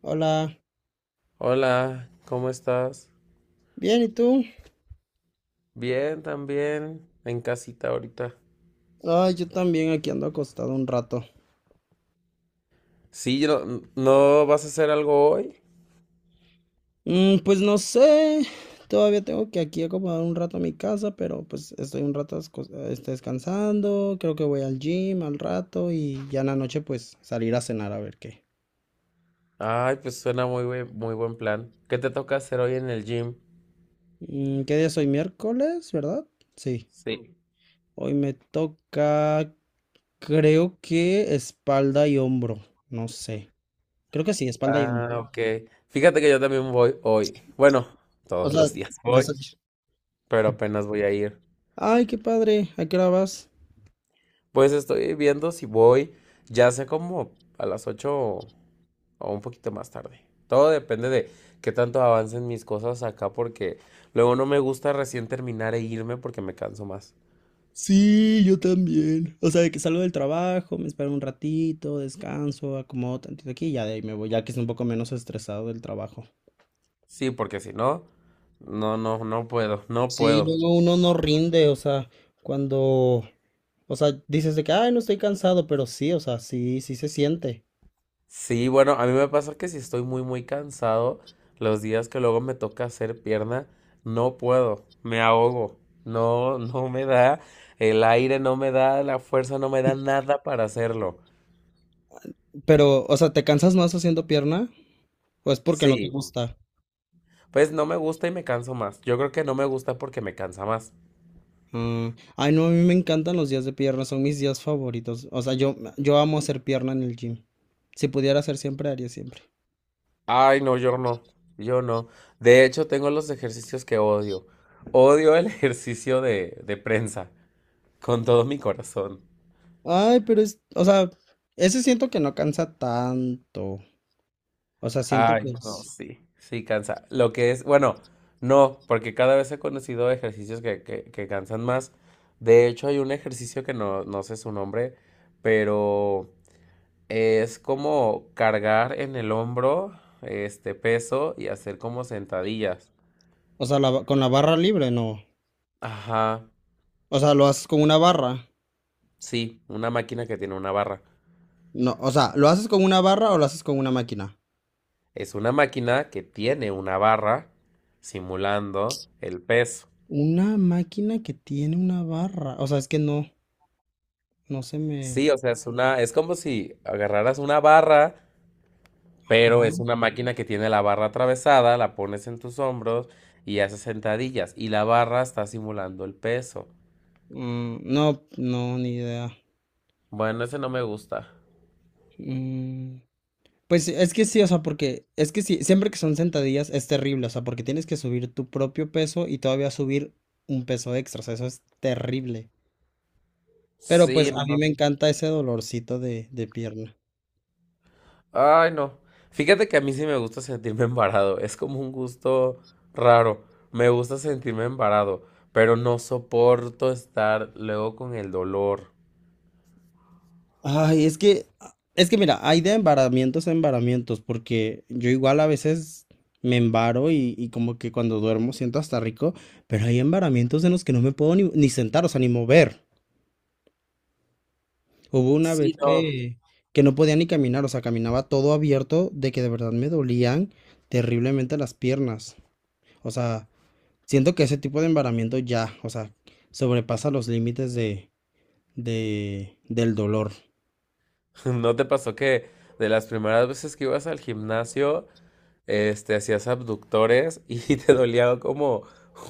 Hola, Hola, ¿cómo estás? bien, ¿y tú? Bien, también, en casita ahorita. Ay, yo también aquí ando acostado un rato. Sí, no, ¿no vas a hacer algo hoy? Pues no sé, todavía tengo que aquí acomodar un rato a mi casa, pero pues estoy un rato descansando, creo que voy al gym al rato y ya en la noche pues salir a cenar a ver qué. Ay, pues suena muy buen plan. ¿Qué te toca hacer hoy en el gym? ¿Qué día es hoy? Miércoles, ¿verdad? Sí, Sí. hoy me toca, creo que espalda y hombro, no sé. Creo que sí, espalda y Ah, hombro. ok. Fíjate que yo también voy hoy. Bueno, O todos sea, los días vas voy, a-. pero apenas voy a ir. Ay, qué padre, ¿a qué hora vas? Pues estoy viendo si voy, ya sé como a las 8 o un poquito más tarde. Todo depende de qué tanto avancen mis cosas acá porque luego no me gusta recién terminar e irme porque me canso más. Sí, yo también. O sea, de que salgo del trabajo, me espero un ratito, descanso, acomodo tantito aquí y ya de ahí me voy, ya que es un poco menos estresado del trabajo. Sí, porque si no, no, no, no puedo, no Sí, puedo. luego uno no rinde, o sea, cuando, o sea, dices de que, ay, no estoy cansado, pero sí, o sea, sí, sí se siente. Sí, bueno, a mí me pasa que si estoy muy, muy cansado, los días que luego me toca hacer pierna, no puedo, me ahogo. No, no me da el aire, no me da la fuerza, no me da nada para hacerlo. Pero, o sea, ¿te cansas más haciendo pierna? ¿O es porque no te Sí, gusta? pues no me gusta y me canso más. Yo creo que no me gusta porque me cansa más. Ah, ay, no, a mí me encantan los días de pierna, son mis días favoritos. O sea, yo amo hacer pierna en el gym. Si pudiera hacer siempre, haría siempre. Ay, no, yo no, yo no. De hecho, tengo los ejercicios que odio. Odio el ejercicio de prensa, con todo mi corazón. Ay, pero es, o sea, ese siento que no cansa tanto. O sea, siento Ay, que no, es, sí, sí cansa. Lo que es, bueno, no, porque cada vez he conocido ejercicios que cansan más. De hecho, hay un ejercicio que no, no sé su nombre, pero es como cargar en el hombro este peso y hacer como sentadillas. o sea, con la barra libre, no. Ajá, O sea, lo haces con una barra. sí, una máquina que tiene una barra. No, o sea, ¿lo haces con una barra o lo haces con una máquina? Es una máquina que tiene una barra simulando el peso. Una máquina que tiene una barra. O sea, es que no, no se me... Sí, o sea, es como si agarraras una barra, pero es Ajá. una máquina que tiene la barra atravesada, la pones en tus hombros y haces sentadillas. Y la barra está simulando el peso. Mm, no, no, ni idea. Bueno, ese no me gusta. Mm, pues es que sí, o sea, porque es que sí, siempre que son sentadillas es terrible, o sea, porque tienes que subir tu propio peso y todavía subir un peso extra, o sea, eso es terrible. Pero pues Sí, no. A no, mí no. me encanta ese dolorcito de pierna. Ay, no. Fíjate que a mí sí me gusta sentirme embarado. Es como un gusto raro. Me gusta sentirme embarado, pero no soporto estar luego con el dolor. Ay, es que mira, hay de embaramientos a embaramientos, porque yo igual a veces me embaro y como que cuando duermo siento hasta rico, pero hay embaramientos en los que no me puedo ni sentar, o sea, ni mover. Hubo una vez Sí, no. que no podía ni caminar, o sea, caminaba todo abierto de que de verdad me dolían terriblemente las piernas. O sea, siento que ese tipo de embaramiento ya, o sea, sobrepasa los límites de, del dolor. ¿No te pasó que de las primeras veces que ibas al gimnasio, hacías abductores y te dolía como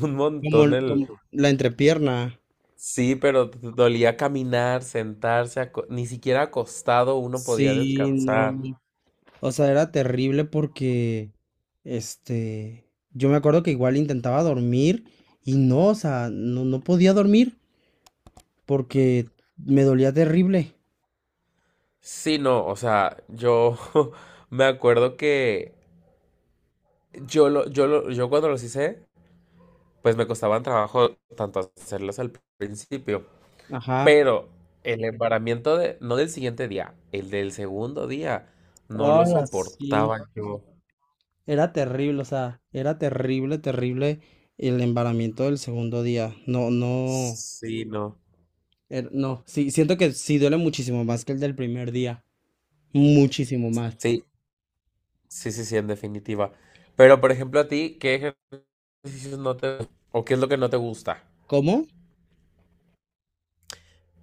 un Como, montón el... como la entrepierna. Sí, pero te dolía caminar, sentarse, ni siquiera acostado uno podía Sí, no. descansar. O sea, era terrible porque, este, yo me acuerdo que igual intentaba dormir y no, o sea, no, no podía dormir porque me dolía terrible. Sí, no, o sea, yo me acuerdo que yo cuando los hice, pues me costaban trabajo tanto hacerlos al principio. Ajá. Pero el embaramiento no del siguiente día, el del segundo día, no lo Hola, sí. soportaba yo. Era terrible, o sea, era terrible, terrible el embaramiento del segundo día. No, no, Sí, no. No. Sí, siento que sí duele muchísimo más que el del primer día. Muchísimo más. Sí, sí, sí, sí, en definitiva. Pero, por ejemplo, a ti, ¿qué ejercicios no te... o qué es lo que no te gusta? ¿Cómo?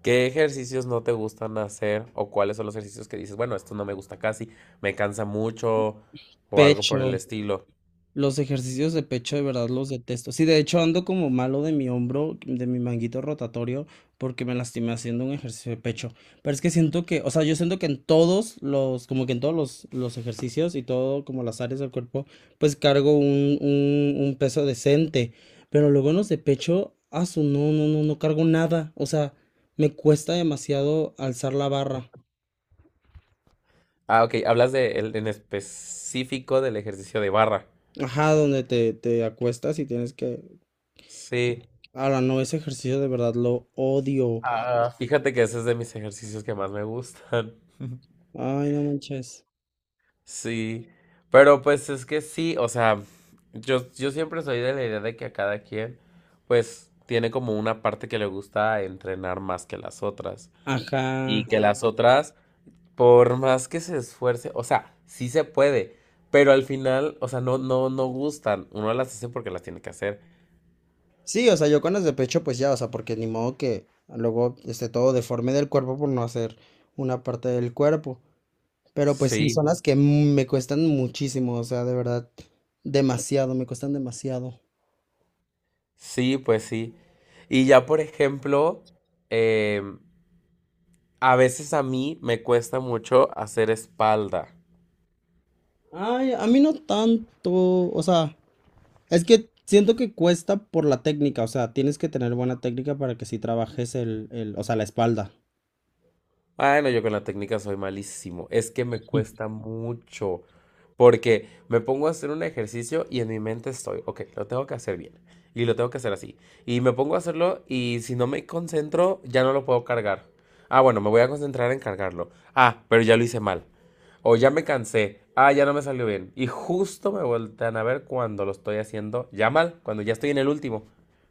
¿Qué ejercicios no te gustan hacer o cuáles son los ejercicios que dices, bueno, esto no me gusta casi, me cansa mucho o algo Pecho. por No. el estilo? Los ejercicios de pecho de verdad los detesto. Sí, de hecho ando como malo de mi hombro, de mi manguito rotatorio, porque me lastimé haciendo un ejercicio de pecho. Pero es que siento que, o sea, yo siento que en todos los, como que en todos los ejercicios y todo, como las áreas del cuerpo, pues cargo un peso decente. Pero luego en los de pecho, asu, no, no, no, no cargo nada. O sea, me cuesta demasiado alzar la barra. Ah, ok, hablas en específico del ejercicio de barra. Ajá, donde te acuestas y tienes que. Sí. Ahora no, ese ejercicio de verdad lo odio. Ah, fíjate que ese es de mis ejercicios que más me gustan. Ay, no manches. Sí, pero pues es que sí, o sea, yo siempre soy de la idea de que a cada quien, pues, tiene como una parte que le gusta entrenar más que las otras. Ajá. Y que las otras, por más que se esfuerce, o sea, sí se puede, pero al final, o sea, no, no, no gustan. Uno las hace porque las tiene que hacer. Sí, o sea, yo con las de pecho, pues ya, o sea, porque ni modo que luego esté todo deforme del cuerpo por no hacer una parte del cuerpo. Pero pues sí, Sí, son las que me cuestan muchísimo, o sea, de verdad, demasiado, me cuestan demasiado. sí, pues sí. Y ya, por ejemplo, em, A veces a mí me cuesta mucho hacer espalda. Ay, a mí no tanto, o sea, es que siento que cuesta por la técnica, o sea, tienes que tener buena técnica para que sí trabajes o sea, la espalda. Bueno, yo con la técnica soy malísimo. Es que me cuesta mucho. Porque me pongo a hacer un ejercicio y en mi mente estoy, ok, lo tengo que hacer bien. Y lo tengo que hacer así. Y me pongo a hacerlo y si no me concentro, ya no lo puedo cargar. Ah, bueno, me voy a concentrar en cargarlo. Ah, pero ya lo hice mal. O ya me cansé. Ah, ya no me salió bien. Y justo me voltean a ver cuando lo estoy haciendo ya mal, cuando ya estoy en el último.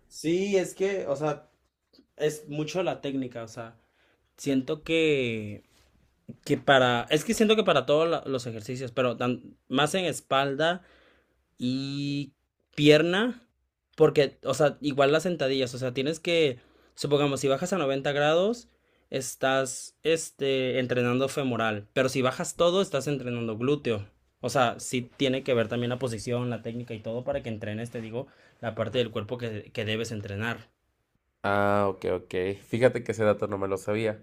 Sí, es que, o sea, es mucho la técnica, o sea, siento que para, es que siento que para todos los ejercicios, pero más en espalda y pierna, porque, o sea, igual las sentadillas, o sea, tienes que, supongamos, si bajas a 90 grados, estás, entrenando femoral, pero si bajas todo, estás entrenando glúteo. O sea, sí tiene que ver también la posición, la técnica y todo para que entrenes, te digo, la parte del cuerpo que, debes entrenar. Ah, ok, ok. Fíjate que ese dato no me lo sabía.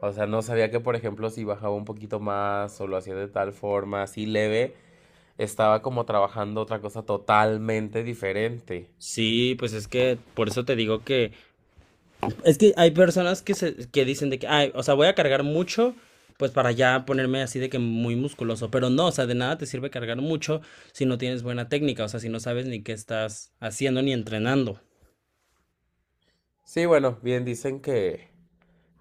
O sea, no sabía que, por ejemplo, si bajaba un poquito más o lo hacía de tal forma, así leve, estaba como trabajando otra cosa totalmente diferente. Sí, pues es que por eso te digo que es que hay personas que se que dicen de que, ay, o sea, voy a cargar mucho, pues para ya ponerme así de que muy musculoso, pero no, o sea, de nada te sirve cargar mucho si no tienes buena técnica, o sea, si no sabes ni qué estás haciendo ni entrenando. Sí, bueno, bien dicen que,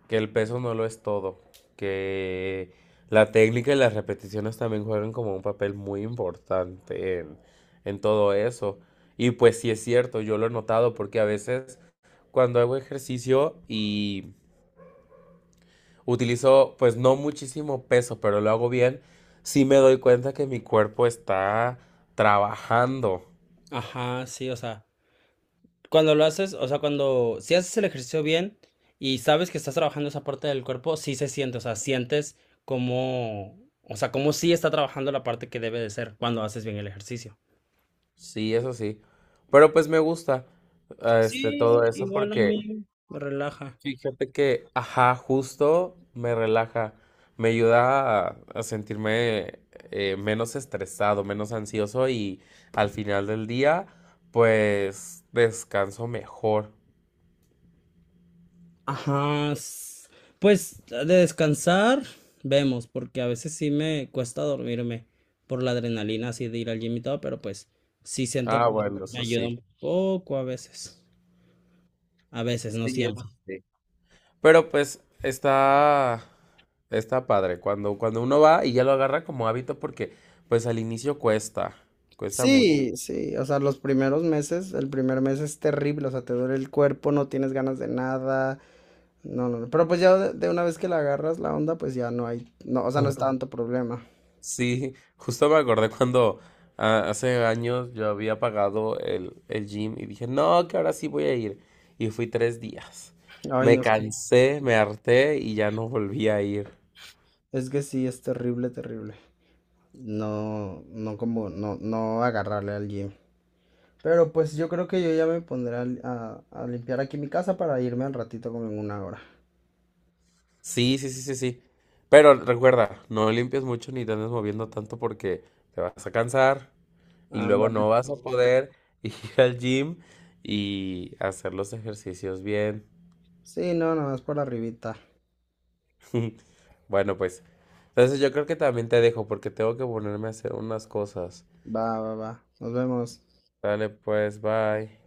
que el peso no lo es todo, que la técnica y las repeticiones también juegan como un papel muy importante en todo eso. Y pues sí es cierto, yo lo he notado porque a veces cuando hago ejercicio y utilizo, pues no muchísimo peso, pero lo hago bien. Sí me doy cuenta que mi cuerpo está trabajando. Ajá, sí, o sea, cuando lo haces, o sea, cuando si haces el ejercicio bien y sabes que estás trabajando esa parte del cuerpo, sí se siente, o sea, sientes como, o sea, como sí está trabajando la parte que debe de ser cuando haces bien el ejercicio. Sí, eso sí. Pero pues me gusta Sí, todo eso igual a porque mí me relaja. fíjate que, ajá, justo me relaja, me ayuda a sentirme menos estresado, menos ansioso y al final del día, pues descanso mejor. Ajá. Pues de descansar, vemos, porque a veces sí me cuesta dormirme por la adrenalina así de ir al gym y todo, pero pues sí siento Ah, que bueno, me eso ayuda sí. un poco a veces. A veces, no Sí, siempre. eso sí. Pero pues está padre cuando uno va y ya lo agarra como hábito porque pues al inicio cuesta, cuesta mucho. Sí, sí, o sea, los primeros meses, el primer mes es terrible, o sea, te duele el cuerpo, no tienes ganas de nada, no, no, no, pero pues ya de una vez que la agarras la onda, pues ya no hay, no, o sea, no es tanto problema. Sí, justo me acordé cuando hace años yo había pagado el gym y dije, no, que ahora sí voy a ir. Y fui 3 días. Ay, Me no. cansé, me harté y ya no volví a ir. Es que sí, es terrible, terrible. No, no como, no, no agarrarle al gym. Pero pues yo creo que yo ya me pondré a limpiar aquí mi casa para irme al ratito como en una hora. Sí, sí, sí, sí, sí. Pero recuerda, no limpies mucho ni te andes moviendo tanto porque te vas a cansar, y luego Ándale. no vas a poder ir al gym y hacer los ejercicios bien. Sí, Rivita. Bueno, pues, entonces yo creo que también te dejo porque tengo que ponerme a hacer unas cosas. Va, va, va. Nos vemos. Dale, pues, bye.